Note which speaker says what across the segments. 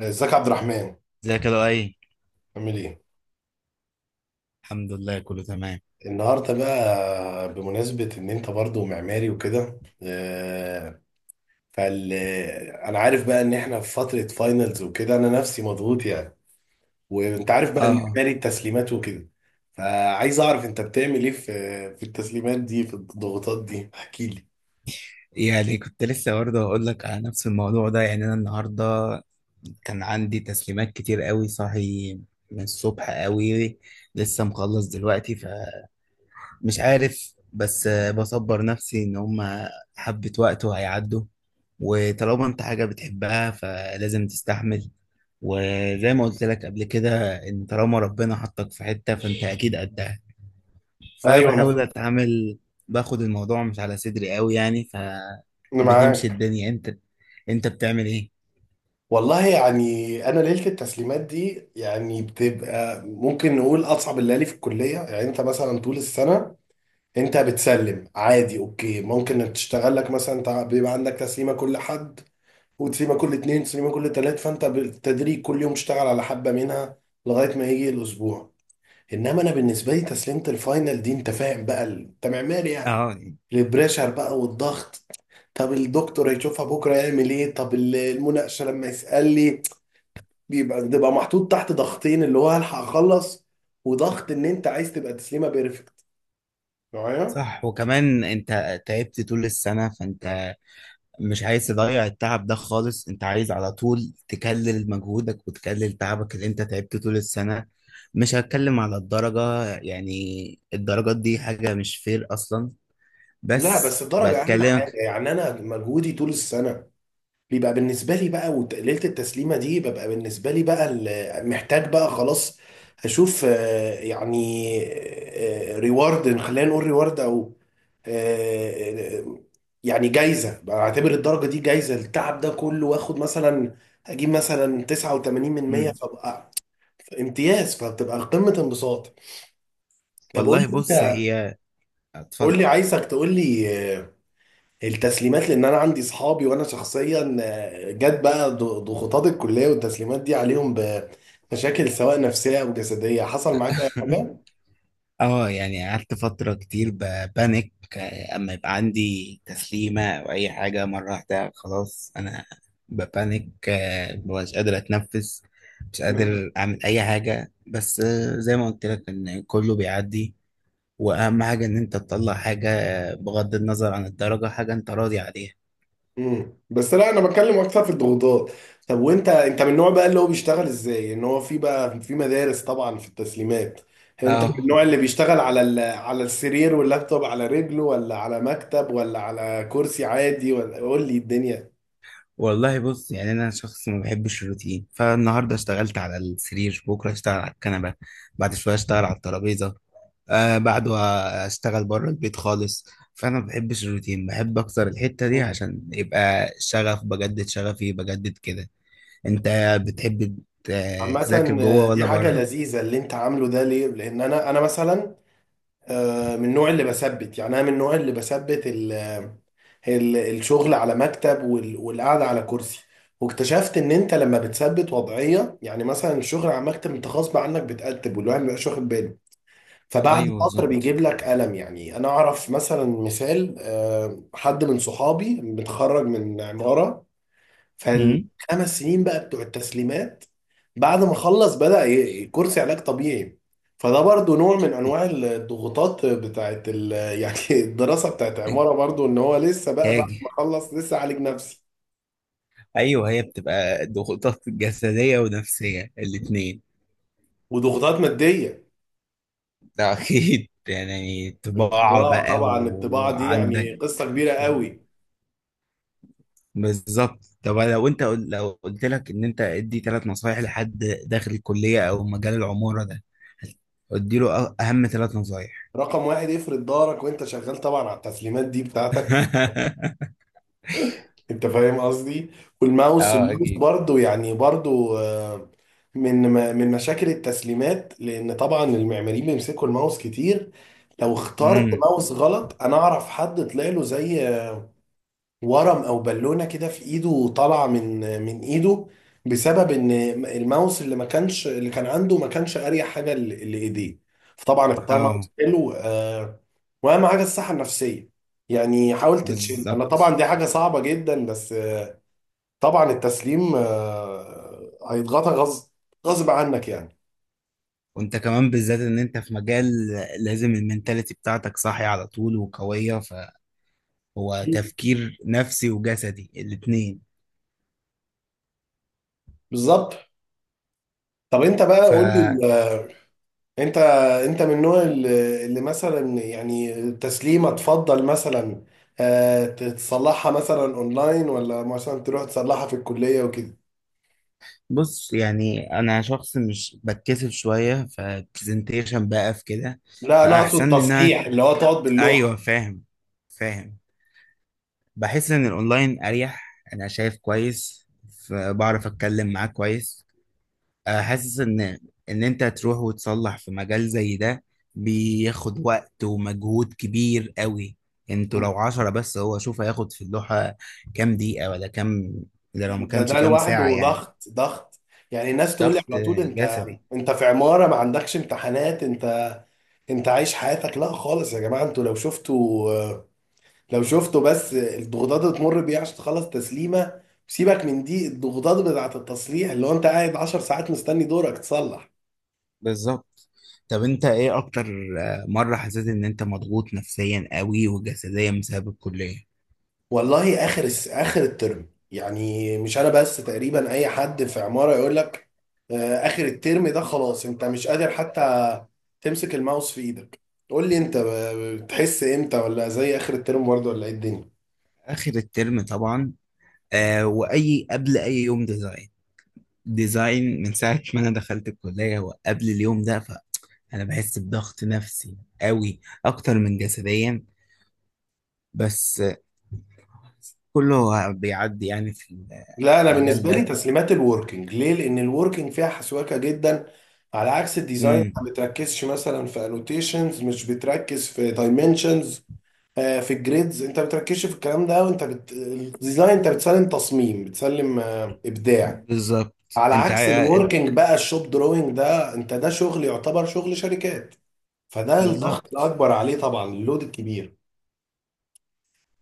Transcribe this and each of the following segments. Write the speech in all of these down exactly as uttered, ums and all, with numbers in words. Speaker 1: ازيك يا عبد الرحمن؟
Speaker 2: ازيك يا لؤي.
Speaker 1: عامل ايه؟
Speaker 2: الحمد لله، كله تمام.
Speaker 1: النهارده بقى بمناسبة ان انت برضو معماري وكده آه، فال. انا عارف بقى ان احنا في فترة فاينلز وكده انا نفسي مضغوط يعني. وانت عارف بقى
Speaker 2: اه،
Speaker 1: المعماري التسليمات وكده. فعايز اعرف انت بتعمل ايه في في التسليمات دي في الضغوطات دي، احكي لي.
Speaker 2: يعني كنت لسه برضه هقول لك على نفس الموضوع ده. يعني انا النهارده كان عندي تسليمات كتير قوي، صاحي من الصبح قوي، لسه مخلص دلوقتي. فمش عارف، بس آه، بصبر نفسي ان هما حبة وقت وهيعدوا. وطالما انت حاجة بتحبها فلازم تستحمل. وزي ما قلت لك قبل كده، ان طالما ربنا حطك في حتة فانت اكيد قدها.
Speaker 1: ايوه، انا
Speaker 2: فبحاول اتعامل، باخد الموضوع مش على صدري قوي يعني.
Speaker 1: انا
Speaker 2: فبتمشي
Speaker 1: معاك.
Speaker 2: الدنيا. انت انت بتعمل ايه؟
Speaker 1: والله يعني انا ليله التسليمات دي يعني بتبقى ممكن نقول اصعب الليالي في الكليه، يعني انت مثلا طول السنه انت بتسلم عادي، اوكي، ممكن انك تشتغل لك مثلا تع- بيبقى عندك تسليمه كل حد وتسليمه كل اتنين تسليمه كل تلات، فانت بالتدريج كل يوم اشتغل على حبه منها لغايه ما يجي الاسبوع. انما انا بالنسبه لي تسليمه الفاينل دي، انت فاهم بقى، ال- انت معماري يعني.
Speaker 2: اه.
Speaker 1: البريشر بقى والضغط. طب الدكتور هيشوفها بكره يعمل ايه؟ طب ال- المناقشه لما يسال لي. بيبقى بتبقى محطوط تحت ضغطين، اللي هو هلحق اخلص، وضغط ان انت عايز تبقى تسليمه بيرفكت.
Speaker 2: صح، وكمان انت تعبت طول السنة، فانت مش عايز تضيع التعب ده خالص. انت عايز على طول تكلل مجهودك وتكلل تعبك اللي انت تعبت طول السنة. مش هتكلم على الدرجة يعني، الدرجات دي حاجة مش فير اصلا،
Speaker 1: لا بس
Speaker 2: بس
Speaker 1: الدرجة أهم حاجة
Speaker 2: بتكلمك.
Speaker 1: يعني. أنا مجهودي طول السنة بيبقى بالنسبة لي بقى، وت- ليلة التسليمة دي ببقى بالنسبة لي بقى ال- محتاج بقى خلاص أشوف، آه، يعني ريورد، خلينا نقول ريورد، أو آه، آه، يعني جايزة. بعتبر الدرجة دي جايزة التعب ده كله، وآخد مثلا، أجيب مثلا تسعة وثمانين من مية،
Speaker 2: مم.
Speaker 1: فبقى امتياز، فبتبقى قمة انبساط. طب قول
Speaker 2: والله
Speaker 1: لي
Speaker 2: بص،
Speaker 1: أنت،
Speaker 2: هي...
Speaker 1: قول لي،
Speaker 2: اتفضل.
Speaker 1: عايزك تقول لي آه، التسليمات. لان انا عندي اصحابي، وانا شخصيا آه، جت بقى ض- ضغوطات الكليه والتسليمات دي عليهم بمشاكل سواء نفسيه او جسديه، حصل معاك اي حاجه؟
Speaker 2: اه، يعني قعدت فترة كتير ببانك. آه، اما يبقى عندي تسليمة او اي حاجة مرة واحدة، خلاص انا ببانك، آه، مبقاش قادر اتنفس، مش قادر اعمل اي حاجة. بس آه، زي ما قلت لك ان كله بيعدي. واهم حاجة ان انت تطلع حاجة، آه، بغض النظر عن الدرجة، حاجة انت راضي عليها.
Speaker 1: امم بس لا انا بتكلم اكتر في الضغوطات. طب وانت، انت من النوع بقى اللي هو بيشتغل ازاي، ان هو في بقى في مدارس طبعا في التسليمات، انت من
Speaker 2: اه.
Speaker 1: النوع اللي بيشتغل على ال... على السرير واللابتوب على رجله، ولا على مكتب، ولا على كرسي عادي، ولا قول لي الدنيا.
Speaker 2: والله بص، يعني انا شخص ما بحبش الروتين. فالنهارده اشتغلت على السرير، بكره اشتغل على الكنبه، بعد شويه اشتغل على الترابيزه، آه بعده اشتغل بره البيت خالص. فانا ما بحبش الروتين، بحب اكتر الحتة دي عشان يبقى شغف، بجدد شغفي بجدد كده. انت بتحب ت- تذاكر
Speaker 1: عامة آه،
Speaker 2: جوه
Speaker 1: دي
Speaker 2: ولا
Speaker 1: حاجة
Speaker 2: بره؟
Speaker 1: لذيذة اللي انت عامله ده، ليه؟ لأن أنا أنا مثلا آه، من النوع اللي بثبت، يعني أنا من النوع اللي بثبت ال- آه، ال- الشغل على مكتب وال- والقعدة على كرسي. واكتشفت إن أنت لما بتثبت وضعية، يعني مثلا الشغل على مكتب، أنت غصب عنك بتقتب، والواحد مبيبقاش واخد باله، فبعد
Speaker 2: ايوه
Speaker 1: فترة
Speaker 2: بالظبط.
Speaker 1: بيجيب لك ألم. يعني أنا أعرف مثلا مثال، آه، حد من صحابي متخرج من عمارة،
Speaker 2: هم؟
Speaker 1: فالخمس سنين بقى بتوع التسليمات بعد ما خلص بدأ ي- كرسي علاج طبيعي. فده برضو نوع من انواع الضغوطات بتاعت ال... يعني الدراسة بتاعت عمارة، برضو ان هو لسه بقى بعد
Speaker 2: هاجي.
Speaker 1: ما خلص لسه عالج نفسي.
Speaker 2: ايوه، هي بتبقى ضغوطات جسديه ونفسيه الاثنين.
Speaker 1: وضغوطات مادية.
Speaker 2: ده اكيد، يعني طباعه
Speaker 1: الطباعة،
Speaker 2: بقى
Speaker 1: طبعا الطباعة دي
Speaker 2: وعندك.
Speaker 1: يعني قصة كبيرة قوي.
Speaker 2: بالظبط. طب لو انت قل- لو قلت لك ان انت ادي تلات نصايح لحد داخل الكليه او مجال العماره ده، ادي له أ- اهم تلات نصايح.
Speaker 1: رقم واحد، افرض ظهرك وانت شغال طبعا على التسليمات دي بتاعتك. انت فاهم قصدي. والماوس،
Speaker 2: اه
Speaker 1: الماوس
Speaker 2: اكيد.
Speaker 1: برضو، يعني برضو آه، من من مشاكل التسليمات. لان طبعا المعماريين بيمسكوا الماوس كتير، لو اخترت
Speaker 2: امم.
Speaker 1: ماوس غلط. انا اعرف حد طلع له زي ورم او بالونه كده في ايده، طالعه من من ايده، بسبب ان الماوس اللي ما كانش، اللي كان عنده ما كانش اريح حاجه ل- لايديه. فطبعا اختار
Speaker 2: اه.
Speaker 1: ماوس حلو. آه، واهم حاجه الصحه النفسيه يعني. حاول تتشيل. انا طبعا
Speaker 2: بالظبط.
Speaker 1: دي حاجه صعبه جدا، بس آه، طبعا التسليم آه، هيضغطك غصب، غصب عنك يعني.
Speaker 2: وانت كمان، بالذات ان انت في مجال لازم المنتاليتي بتاعتك صاحية على طول وقوية، فهو
Speaker 1: مم.
Speaker 2: تفكير نفسي وجسدي الاتنين.
Speaker 1: بالظبط. طب انت بقى قول
Speaker 2: فبص،
Speaker 1: لي، آه، انت انت من النوع اللي اللي مثلا، يعني تسليمه تفضل مثلا آه، تتصلحها مثلا اونلاين، ولا مثلا تروح تصلحها في الكليه وكده؟
Speaker 2: يعني انا شخص مش بتكسف شوية فبرزنتيشن بقى في كده،
Speaker 1: لا انا اقصد
Speaker 2: فاحسن لي ان انا...
Speaker 1: تصليح، اللي هو تقعد
Speaker 2: ايوه،
Speaker 1: باللوحه.
Speaker 2: فاهم. فاهم. بحس ان الاونلاين اريح. انا شايف كويس، ف- بعرف اتكلم معاه كويس. آه، حاسس ان ان انت تروح وتصلح في مجال زي ده بياخد وقت ومجهود كبير قوي. انتوا لو عشرة بس هو شوف هياخد في اللوحة كام دقيقة ولا كام، ده لو ما
Speaker 1: ده
Speaker 2: كانش
Speaker 1: ده
Speaker 2: كام
Speaker 1: لوحده
Speaker 2: ساعة يعني.
Speaker 1: ضغط، ضغط يعني. الناس تقول لي
Speaker 2: ضغط
Speaker 1: على طول: انت
Speaker 2: جسدي.
Speaker 1: انت في عماره ما عندكش امتحانات، انت انت عايش حياتك. لا خالص يا جماعه، انتوا لو شفتوا، لو شفتوا بس الضغوطات اللي تمر بيها عشان تخلص تسليمه. سيبك من دي الضغوطات بتاعه التصليح، اللي هو انت قاعد عشر ساعات مستني دورك تصلح.
Speaker 2: بالظبط. طب انت ايه اكتر آه، مرة حسيت ان انت مضغوط نفسيا قوي وجسديا بسبب الكلية؟
Speaker 1: والله اخر الس- اخر الترم يعني. مش انا بس، تقريبا اي حد في عماره يقول لك آه، اخر الترم ده خلاص انت مش قادر حتى تمسك الماوس في ايدك. قول لي انت آه، بتحس امتى؟ ولا زي اخر الترم برضه؟ ولا ايه الدنيا؟
Speaker 2: اخر الترم طبعا، آه واي قبل اي يوم ديزاين. ديزاين من ساعه ما انا دخلت الكليه وقبل اليوم ده، فانا بحس بضغط نفسي قوي اكتر من جسديا. بس آه، كله بيعدي يعني في
Speaker 1: لا انا
Speaker 2: المجال
Speaker 1: بالنسبه لي
Speaker 2: ده.
Speaker 1: تسليمات الوركينج، ليه؟ لان الوركينج فيها حسواكه جدا على عكس الديزاين.
Speaker 2: امم.
Speaker 1: ما بتركزش مثلا في انوتيشنز، مش بتركز في دايمنشنز، في الجريدز، انت ما بتركزش في الكلام ده. وانت بت... الديزاين انت بتسلم تصميم، بتسلم آه، ابداع.
Speaker 2: بالظبط.
Speaker 1: على
Speaker 2: انت
Speaker 1: عكس
Speaker 2: عا-
Speaker 1: الوركينج بقى، الشوب دروينج ده، انت ده شغل يعتبر شغل شركات. فده الضغط
Speaker 2: بالظبط.
Speaker 1: الاكبر عليه طبعا، اللود الكبير.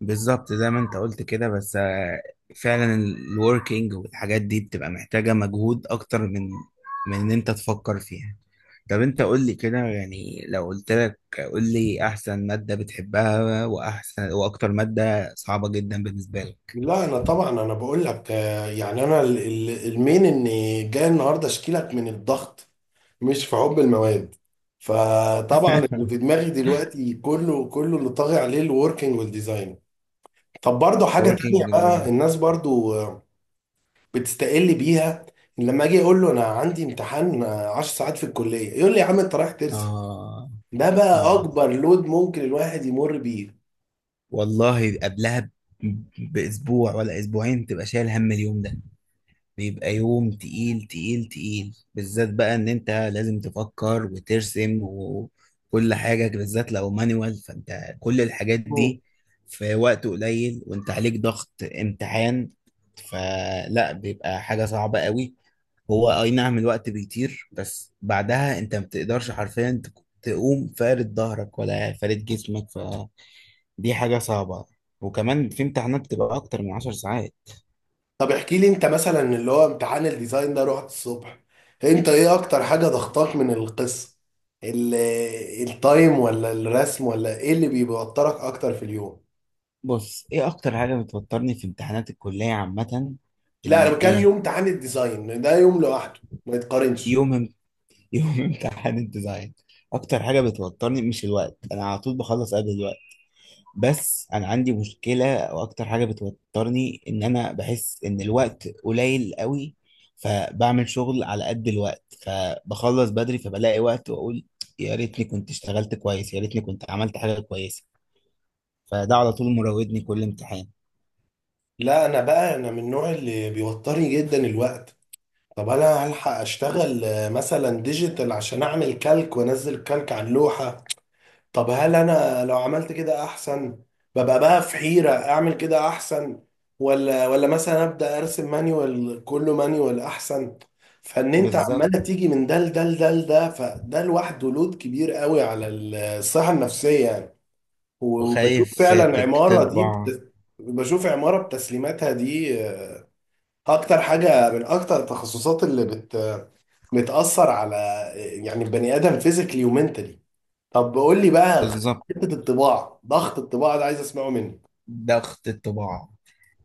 Speaker 2: بالظبط زي ما انت قلت كده، بس آه، فعلا الوركينج والحاجات دي بتبقى محتاجة مجهود اكتر من من ان انت تفكر فيها. طب انت قول لي كده، يعني لو قلت لك قول لي احسن مادة بتحبها واحسن واكتر مادة صعبة جدا بالنسبة لك.
Speaker 1: لا انا طبعا، انا بقول لك آه، يعني انا ال- ال- المين ان جاي النهارده اشكي لك من الضغط، مش في حب المواد. فطبعا اللي في دماغي دلوقتي كله كله اللي طاغي عليه الوركينج والديزاين. طب برضه حاجة تانية
Speaker 2: working
Speaker 1: بقى،
Speaker 2: in-
Speaker 1: الناس برضه بتستقل بيها. لما اجي اقول له انا عندي امتحان عشر ساعات في الكلية يقول لي يا عم انت رايح ترسم.
Speaker 2: اه.
Speaker 1: ده بقى
Speaker 2: اه.
Speaker 1: اكبر لود ممكن الواحد يمر بيه.
Speaker 2: والله قبلها ب- باسبوع ولا اسبوعين تبقى شايل هم اليوم ده. بيبقى يوم تقيل تقيل تقيل، بالذات بقى ان انت لازم تفكر وترسم وكل حاجة، بالذات لو مانوال، فانت كل الحاجات دي في وقت قليل وانت عليك ضغط امتحان، فلا، بيبقى حاجة صعبة قوي. هو اي نعم الوقت بيطير، بس بعدها انت ما بتقدرش حرفيا تك- تقوم فارد ظهرك ولا فارد جسمك، فدي حاجة صعبة. وكمان في امتحانات بتبقى اكتر من عشر ساعات.
Speaker 1: طب احكي لي انت مثلا، اللي هو امتحان الديزاين ده رحت الصبح، انت ايه اكتر حاجة ضغطاك من القصة؟ ال- التايم، ولا الرسم، ولا ايه اللي بيوترك اكتر في اليوم؟
Speaker 2: بص، ايه اكتر حاجه بتوترني في امتحانات الكليه عامه؟
Speaker 1: لا انا بكام، يوم
Speaker 2: الايه؟
Speaker 1: امتحان الديزاين ده يوم لوحده ما يتقارنش.
Speaker 2: يوم امت- يوم امتحان الديزاين، اكتر حاجه بتوترني مش الوقت. انا على طول بخلص قبل الوقت، بس انا عندي مشكله، او اكتر حاجه بتوترني، ان انا بحس ان الوقت قليل قوي، فبعمل شغل على قد الوقت فبخلص بدري فبلاقي وقت واقول يا ريتني كنت اشتغلت كويس، يا ريتني كنت عملت حاجه كويسه. فده على طول مراودني كل امتحان.
Speaker 1: لا انا بقى، انا من النوع اللي بيوترني جدا الوقت. طب انا هلحق اشتغل آه، مثلا ديجيتال عشان اعمل كالك وانزل كالك على اللوحة. طب هل انا لو عملت كده احسن؟ ببقى بقى في حيرة، اعمل كده احسن، ولا، ولا مثلا ابدا ارسم مانيوال، كله مانيوال احسن. فان انت عمالة
Speaker 2: بالظبط،
Speaker 1: تيجي من ده لده لده لده، فده لوحده لود كبير قوي على الصحة النفسية يعني. وبشوف
Speaker 2: وخايف
Speaker 1: فعلا
Speaker 2: سيادتك
Speaker 1: عمارة دي
Speaker 2: تطبع.
Speaker 1: بت... بشوف عمارة بتسليماتها دي اكتر حاجة من اكتر التخصصات اللي بت... بتأثر على يعني البني ادم فيزيكلي ومنتلي. طب قول لي بقى،
Speaker 2: بالظبط.
Speaker 1: حته الطباعه، ضغط الطباعه ده عايز اسمعه منك.
Speaker 2: ضغط الطباعة،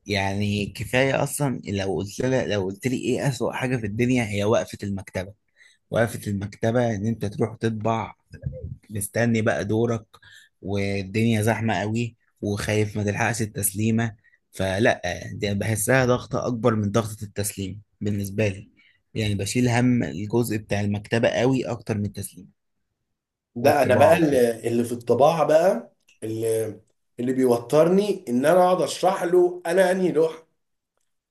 Speaker 2: يعني كفاية أصلا لو قلت لها لو قلت لي إيه أسوأ حاجة في الدنيا، هي وقفة المكتبة. وقفة المكتبة إن أنت تروح تطبع، مستني بقى دورك والدنيا زحمة قوي، وخايف ما تلحقش التسليمة. فلا، دي بحسها ضغطة أكبر من ضغطة التسليم بالنسبة لي. يعني بشيل هم الجزء بتاع المكتبة قوي أكتر من التسليم
Speaker 1: ده انا بقى
Speaker 2: والطباعة وكده.
Speaker 1: اللي اللي في الطباعه بقى اللي اللي بيوترني ان انا اقعد اشرح له انا انهي لوحه.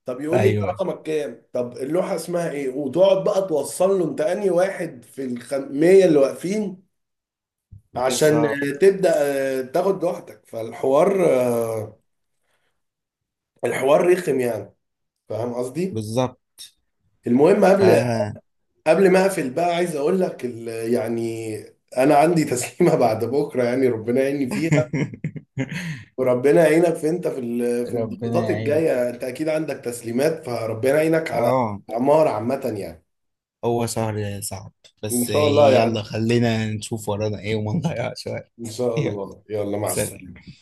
Speaker 1: طب يقول لي انت
Speaker 2: أيوه
Speaker 1: رقمك كام؟ طب اللوحه اسمها ايه؟ وتقعد بقى توصل له انت انهي واحد في الخمية اللي واقفين عشان
Speaker 2: بالظبط.
Speaker 1: تبدا آه، تاخد لوحتك. فالحوار، آه، الحوار رخم يعني، فاهم قصدي.
Speaker 2: بالظبط.
Speaker 1: المهم،
Speaker 2: ف
Speaker 1: قبل قبل ما اقفل بقى عايز اقول لك، ال- يعني انا عندي تسليمه بعد بكره يعني، ربنا يعيني فيها. وربنا يعينك في، انت في ال- في
Speaker 2: ربنا
Speaker 1: الضغوطات
Speaker 2: يعينك.
Speaker 1: الجايه، انت اكيد عندك تسليمات، فربنا يعينك على
Speaker 2: اه،
Speaker 1: عمار عامه يعني.
Speaker 2: هو شهر صعب،
Speaker 1: ان
Speaker 2: بس
Speaker 1: شاء الله يعدي،
Speaker 2: يلا خلينا نشوف ورانا ايه وما نضيعش وقت.
Speaker 1: ان شاء
Speaker 2: يلا.
Speaker 1: الله، يلا مع
Speaker 2: سلام.
Speaker 1: السلامه.